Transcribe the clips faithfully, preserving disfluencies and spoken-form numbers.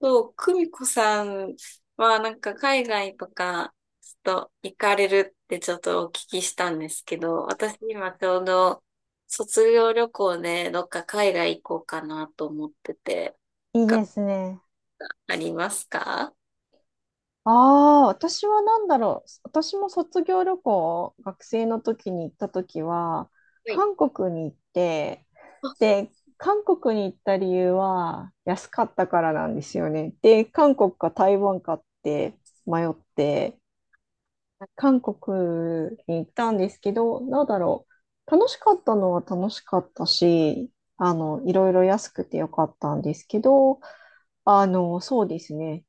そう、久美子さんはなんか海外とかちょっと行かれるってちょっとお聞きしたんですけど、私今ちょうど卒業旅行でどっか海外行こうかなと思ってて、いいですね。ありますか？ああ、私は何だろう。私も卒業旅行、学生の時に行った時は、はい。韓国に行って、で、韓国に行った理由は安かったからなんですよね。で、韓国か台湾かって迷って、韓国に行ったんですけど、なんだろう。楽しかったのは楽しかったし、あの、いろいろ安くてよかったんですけど、あの、そうですね。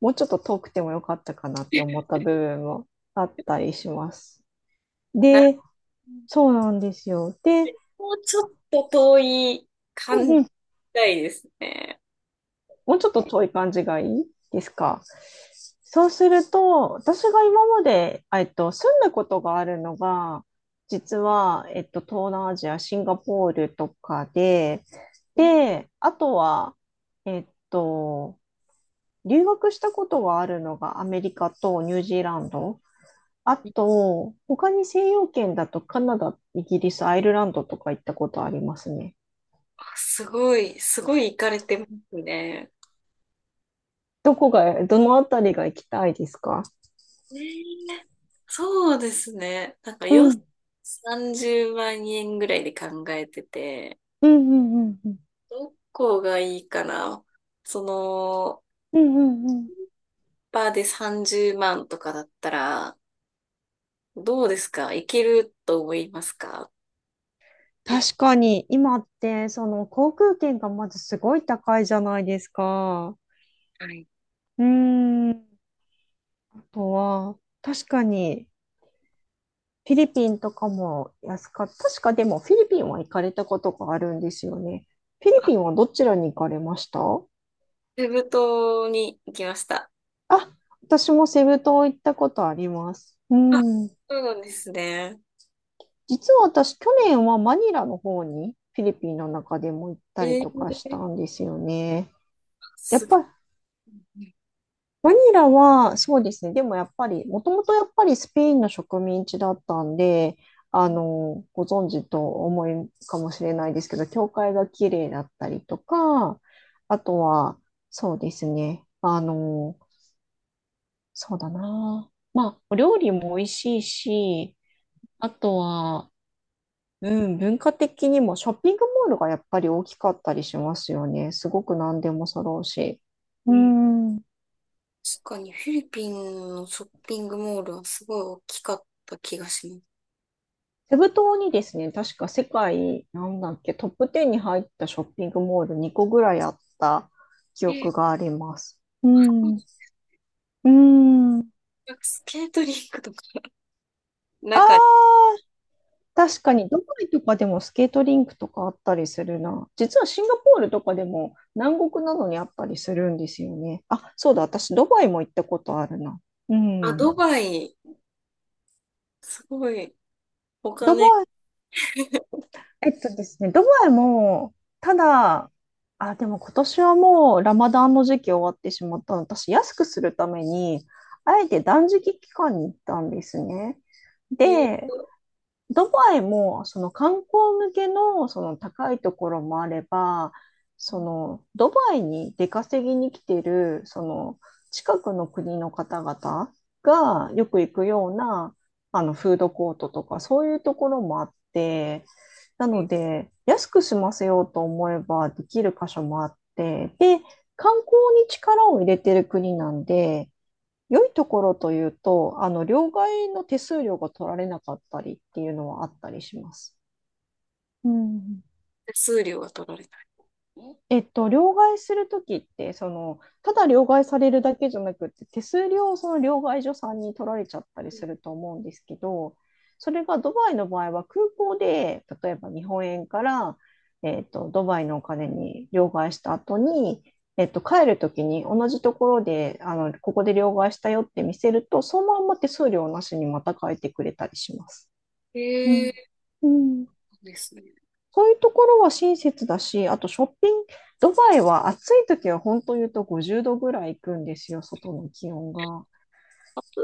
もうちょっと遠くてもよかったかなって思った部分もあったりします。なで、そうなんですよ。で、もうちょっと遠い感じたいですね。もうちょっと遠い感じがいいですか？そうすると、私が今まで、えっと、住んだことがあるのが、実は、えっと、東南アジア、シンガポールとかで、いで、あとは、えっと、留学したことがあるのがアメリカとニュージーランド。あと、他に西洋圏だとカナダ、イギリス、アイルランドとか行ったことありますね。あすごい、すごい行かれてますね。どこが、どのあたりが行きたいですか？ねえ、そうですね。なんかうよ、ん、さんじゅうまんえん円ぐらいで考えてて、うん、うん、うん。うんどこがいいかな。その、うんうんうん。バーでさんじゅうまんとかだったら、どうですか？いけると思いますか？い、確かに、今って、その航空券がまずすごい高いじゃないですか。はい。うーん。あとは、確かに、フィリピンとかも安かった。確かでも、フィリピンは行かれたことがあるんですよね。フィリあ、ピンはどちらに行かれました？セブ島に行きました。あ、私もセブ島行ったことあります。うあ、ん。そうなんですね。実は私、去年はマニラの方に、フィリピンの中でも行っえたりとかしたー、んですよね。やっすごい。ぱバニラは、そうですね。でもやっぱり、もともとやっぱりスペインの植民地だったんで、あの、ご存知と思いかもしれないですけど、教会が綺麗だったりとか、あとは、そうですね。あの、そうだな。まあ、お料理も美味しいし、あとは、うん、文化的にもショッピングモールがやっぱり大きかったりしますよね。すごく何でも揃うし。ううん、ん。確かにフィリピンのショッピングモールはすごい大きかった気がします。セブ島にですね、確か世界、なんだっけ、トップテンに入ったショッピングモールにこぐらいあった記え憶があります。うん。ーうん。あスケートリンクとか。なあ、んか、確かに、ドバイとかでもスケートリンクとかあったりするな。実はシンガポールとかでも南国などにあったりするんですよね。あ、そうだ、私、ドバイも行ったことあるな。うあ、ドん。バイ、すごい、おドバ金、えイ、えっとですね、ドバイも、ただ、あ、でも今年はもうラマダンの時期終わってしまったの。私、安くするために、あえて断食期間に行ったんですね。ーで、と、ドバイも、その観光向けの、その高いところもあれば、その、ドバイに出稼ぎに来てる、その、近くの国の方々がよく行くような、あの、フードコートとか、そういうところもあって、なえので、安く済ませようと思えばできる箇所もあって、で、観光に力を入れてる国なんで、良いところというと、あの、両替の手数料が取られなかったりっていうのはあったりします。うん。手数料が取られなえっと、両替するときって、その、ただ両替されるだけじゃなくって、手数料をその両替所さんに取られちゃったりい。すると思うんですけど、それがドバイの場合は空港で、例えば日本円から、えっと、ドバイのお金に両替した後に、えっと、帰るときに同じところで、あの、ここで両替したよって見せると、そのまんま手数料なしにまた帰ってくれたりします。うん。ええうん。ー、ですね。そういうところは親切だし、あとショッピング、ドバイは暑い時は本当言うとごじゅうどぐらい行くんですよ、外の気温が。暑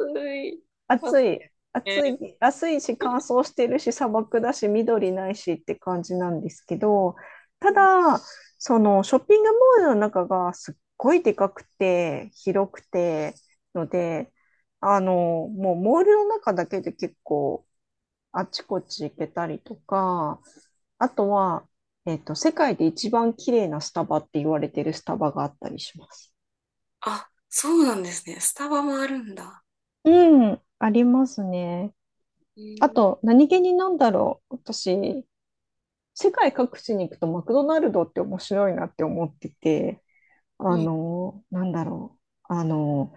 い。あ、暑い、え暑ーい、暑いし乾燥してるし砂漠だし緑ないしって感じなんですけど、ただ、そのショッピングモールの中がすっごいでかくて広くてので、あの、もうモールの中だけで結構あちこち行けたりとか、あとは、えっと、世界で一番綺麗なスタバって言われてるスタバがあったりします。あ、そうなんですね。スタバもあるんだ。うん、ありますね。えあー、と、何気になんだろう。私、世界各地に行くとマクドナルドって面白いなって思ってて、うあん。の、なんだろう。あの、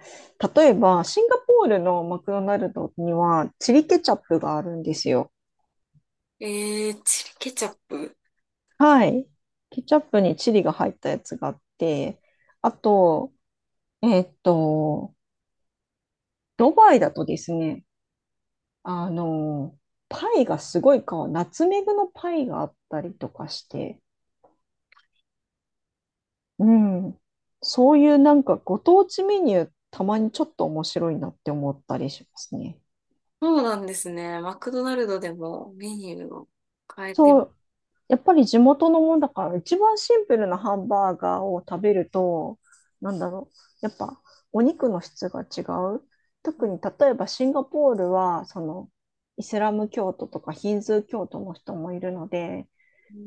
例えば、シンガポールのマクドナルドにはチリケチャップがあるんですよ。えー、チリケチャップ。はい。ケチャップにチリが入ったやつがあって、あと、えっと、ドバイだとですね、あの、パイがすごいか、ナツメグのパイがあったりとかして、うん、そういうなんかご当地メニュー、たまにちょっと面白いなって思ったりしますね。そうなんですね。マクドナルドでもメニューを変えてそる。う、やっぱり地元のもんだから、一番シンプルなハンバーガーを食べると、なんだろう、やっぱお肉の質が違う。特うに例えばシンガポールは、そのイスラム教徒とかヒンズー教徒の人もいるので、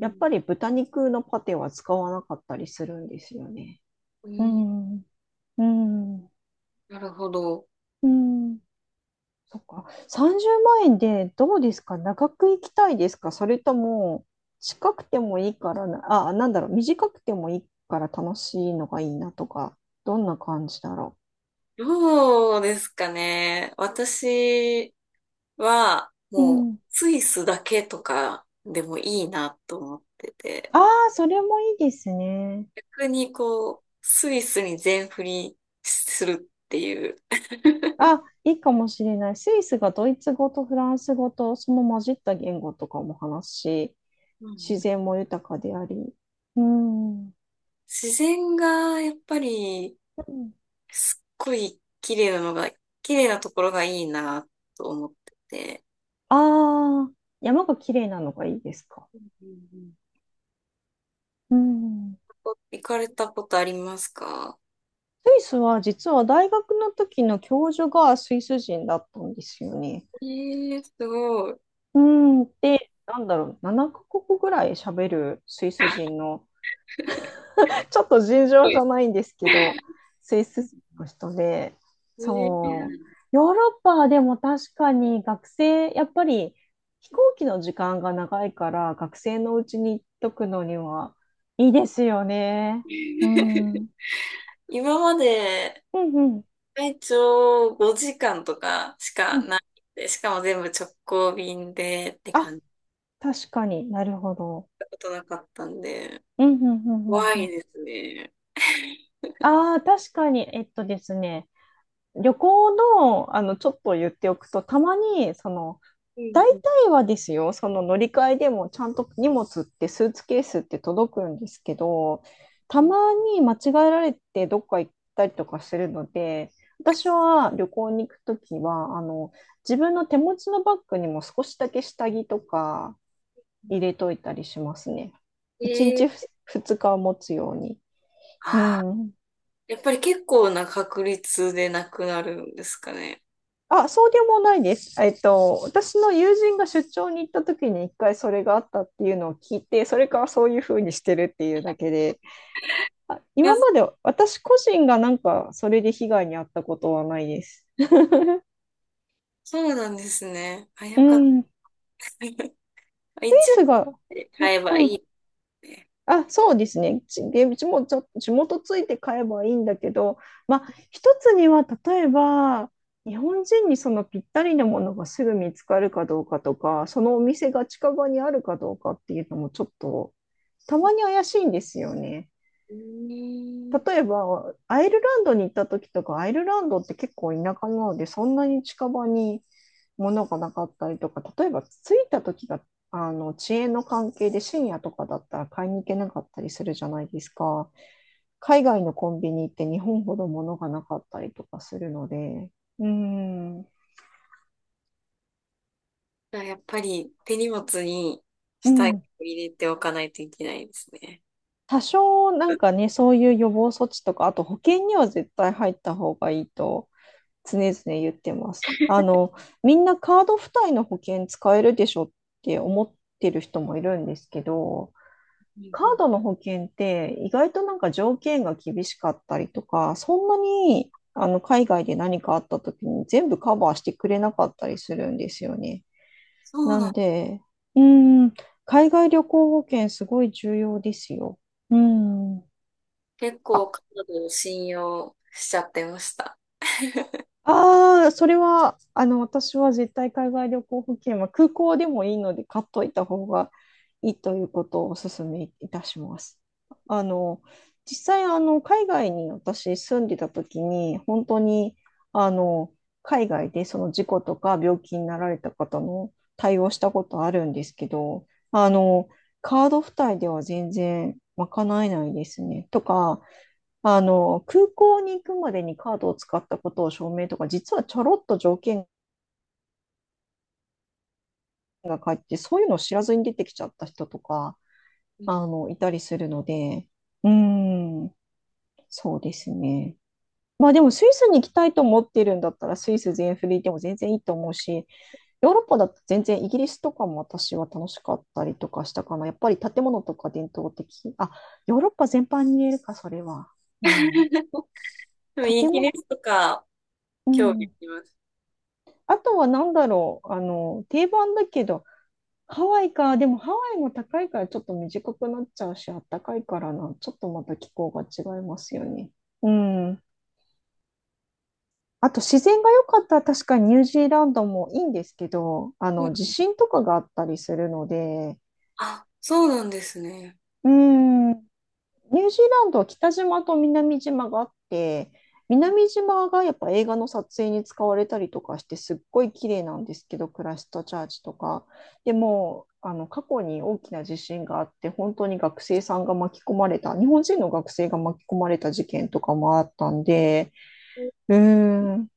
やっぱり豚肉のパテは使わなかったりするんですよね。ううん、ん、うん、なるほど。うん。そっか。さんじゅうまん円でどうですか？長く行きたいですか？それとも、近くてもいいからな、あ、なんだろう、短くてもいいから楽しいのがいいなとか、どんな感じだろどうですかね。私は、う。うもう、ん。スイスだけとかでもいいなと思ってて、ああ、それもいいですね。逆にこう、スイスに全振りするっていう、あ、いいかもしれない。スイスがドイツ語とフランス語と、その混じった言語とかも話すし、うん、う自ん、然も豊かであり。うん。自然がやっぱり、すっごい綺麗なのが、綺麗なところがいいなと思ってて、ああー、山が綺麗なのがいいですか？うん、うん、うん。お行かれたことありますか？スイスは実は大学の時の教授がスイス人だったんですよね。えー、すごい。すうん、で、なんだろう、ななかこくカ国ぐらい喋るスイス人の、ちょっと尋ご常じいゃないんですけど、スイス人の人で、えー そう、ヨーロッパはでも確かに学生、やっぱり飛行機の時間が長いから学生のうちに行っとくのにはいいですよね。うん。うん 今までうん。最長ごじかんとかしうかん。ないんで、しかも全部直行便でってあ、感じ確かになるほど。たことなかったんで、うんうんうんうん怖ういん。ですね。ああ、確かに、えっとですね、旅行の、あの、ちょっと言っておくと、たまに、その、うん、大うん、体はですよ、その乗り換えでも、ちゃんと荷物って、スーツケースって届くんですけど、うたん。まに間違えられて、どっか行ったりとかするので、私は旅行に行くときは、あの、自分の手持ちのバッグにも少しだけ下着とか入れといたりしますね。1え日ー、ふつかは持つように。うあん。ー、やっぱり結構な確率でなくなるんですかね。あ、そうでもないです。えっと、私の友人が出張に行った時に一回それがあったっていうのを聞いて、それからそういうふうにしてるっていうだけで、あ、今まあ、で私個人がなんかそれで被害に遭ったことはないです。そうなんですね。あ、うよかった。ん、スイ 一応、スが、ね、う買えばういん、いね。あ、そうですね。ち、で、うちもちょ、地元ついて買えばいいんだけど、まあ、一つには、例えば、日本人にそのぴったりなものがすぐ見つかるかどうかとか、そのお店が近場にあるかどうかっていうのもちょっと、たまに怪しいんですよね。うーん。例えば、アイルランドに行った時とか、アイルランドって結構田舎なので、そんなに近場にものがなかったりとか、例えば着いた時が、あの、遅延の関係で深夜とかだったら買いに行けなかったりするじゃないですか。海外のコンビニって日本ほど物がなかったりとかするので、うーん、じゃあ、やっぱり手荷物にう下着ん。を入れておかないといけないですね。多少なんかね、そういう予防措置とか、あと保険には絶対入った方がいいと常々言ってます。あの、みんなカード付帯の保険使えるでしょって思ってる人もいるんですけど、うん、カうん、ードの保険って意外となんか条件が厳しかったりとか、そんなにあの海外で何かあった時に全部カバーしてくれなかったりするんですよね。そうななんんだ。で、うーん、海外旅行保険すごい重要ですよ。うん。結構あ、カナダを信用しちゃってました。ああ、それは、あの、私は絶対海外旅行保険は空港でもいいので買っといた方がいいということをお勧めいたします。あの、実際、あの、海外に私住んでた時に、本当に、あの、海外でその事故とか病気になられた方の対応したことあるんですけど、あの、カード付帯では全然賄えないですね。とか、あの、空港に行くまでにカードを使ったことを証明とか、実はちょろっと条件が書いて、そういうのを知らずに出てきちゃった人とか、うん。 あの、いたりするので、うーん、そうですね。まあでもスイスに行きたいと思ってるんだったらスイス全振りでも全然いいと思うし、ヨーロッパだと全然イギリスとかも私は楽しかったりとかしたかな。やっぱり建物とか伝統的。あ、ヨーロッパ全般に言えるか、それは。うん。でもイ建ギリ物、スとかう興味あん。ります。あとはなんだろう、あの、定番だけど、ハワイか、でもハワイも高いからちょっと短くなっちゃうし、あったかいからな、ちょっとまた気候が違いますよね。うん。あと自然が良かったら確かにニュージーランドもいいんですけど、あうの、地ん、震とかがあったりするので、あ、そうなんですね。うん。ニュージーランドは北島と南島があって、南島がやっぱ映画の撮影に使われたりとかしてすっごい綺麗なんですけど、クライストチャーチとか。でうん、も、あの過去に大きな地震があって、本当に学生さんが巻き込まれた、日本人の学生が巻き込まれた事件とかもあったんで、うーん、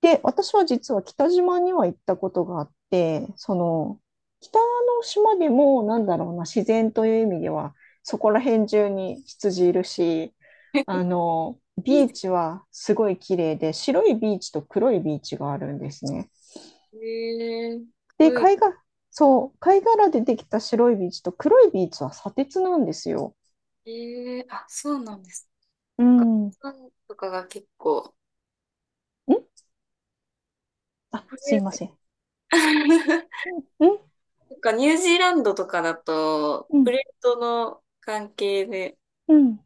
で、私は実は北島には行ったことがあって、その、北の島でも、なんだろうな、自然という意味では、そこら辺中に羊いるし、あの、いいビーでチはすごい綺麗で、白いビーチと黒いビーチがあるんですね。すね。で、軽い。貝が、そう、貝殻でできた白いビーチと黒いビーチは砂鉄なんですよ。えー、あ、そうなんですうか。ん。んフンとかが結構、あ、プすレいません。んート。 なんかニュージーランドとかだと、うプん。レートの関係で、うん。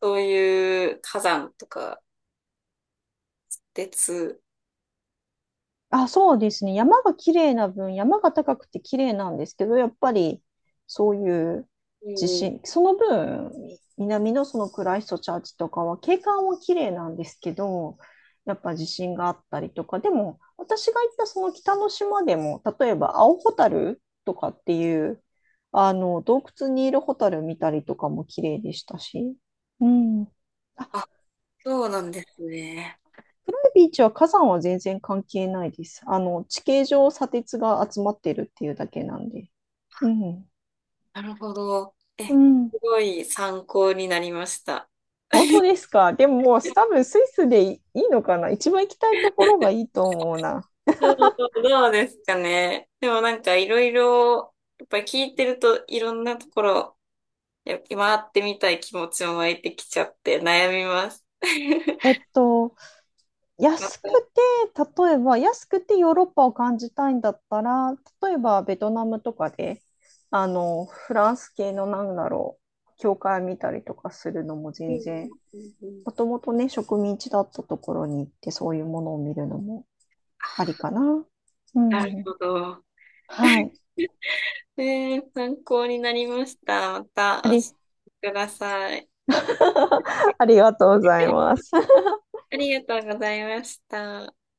そういう火山とか、鉄。あ、そうですね。山が綺麗な分、山が高くて綺麗なんですけど、やっぱりそういうう地ん。震、その分、南のそのクライストチャーチとかは景観は綺麗なんですけど、やっぱ地震があったりとか、でも私が行ったその北の島でも、例えば青ホタルとかっていう、あの洞窟にいるホタル見たりとかも綺麗でしたし、うん。あ、あ、そうなんですね。暗いビーチは火山は全然関係ないです。あの、地形上砂鉄が集まってるっていうだけなんで。うん。なるほど。え、うすん。ごい参考になりました。本当ですか。でももう多分スイスでいいいのかな。一番行きたいところがいいと思うな。どう、どうですかね。でもなんかいろいろ、やっぱり聞いてるといろんなところ、やっぱ回ってみたい気持ちも湧いてきちゃって悩みます。え っと、ま安た、くて、例えば安くてヨーロッパを感じたいんだったら、例えばベトナムとかで、あの、フランス系のなんだろう、教会見たりとかするのもうん、う全ん、然うん、うん、もともとね、植民地だったところに行って、そういうものを見るのもありかな。うなるん。ほど。はい。えー、参考になりました。またあ教り、えてください。ありがとうござい ます。ありがとうございました。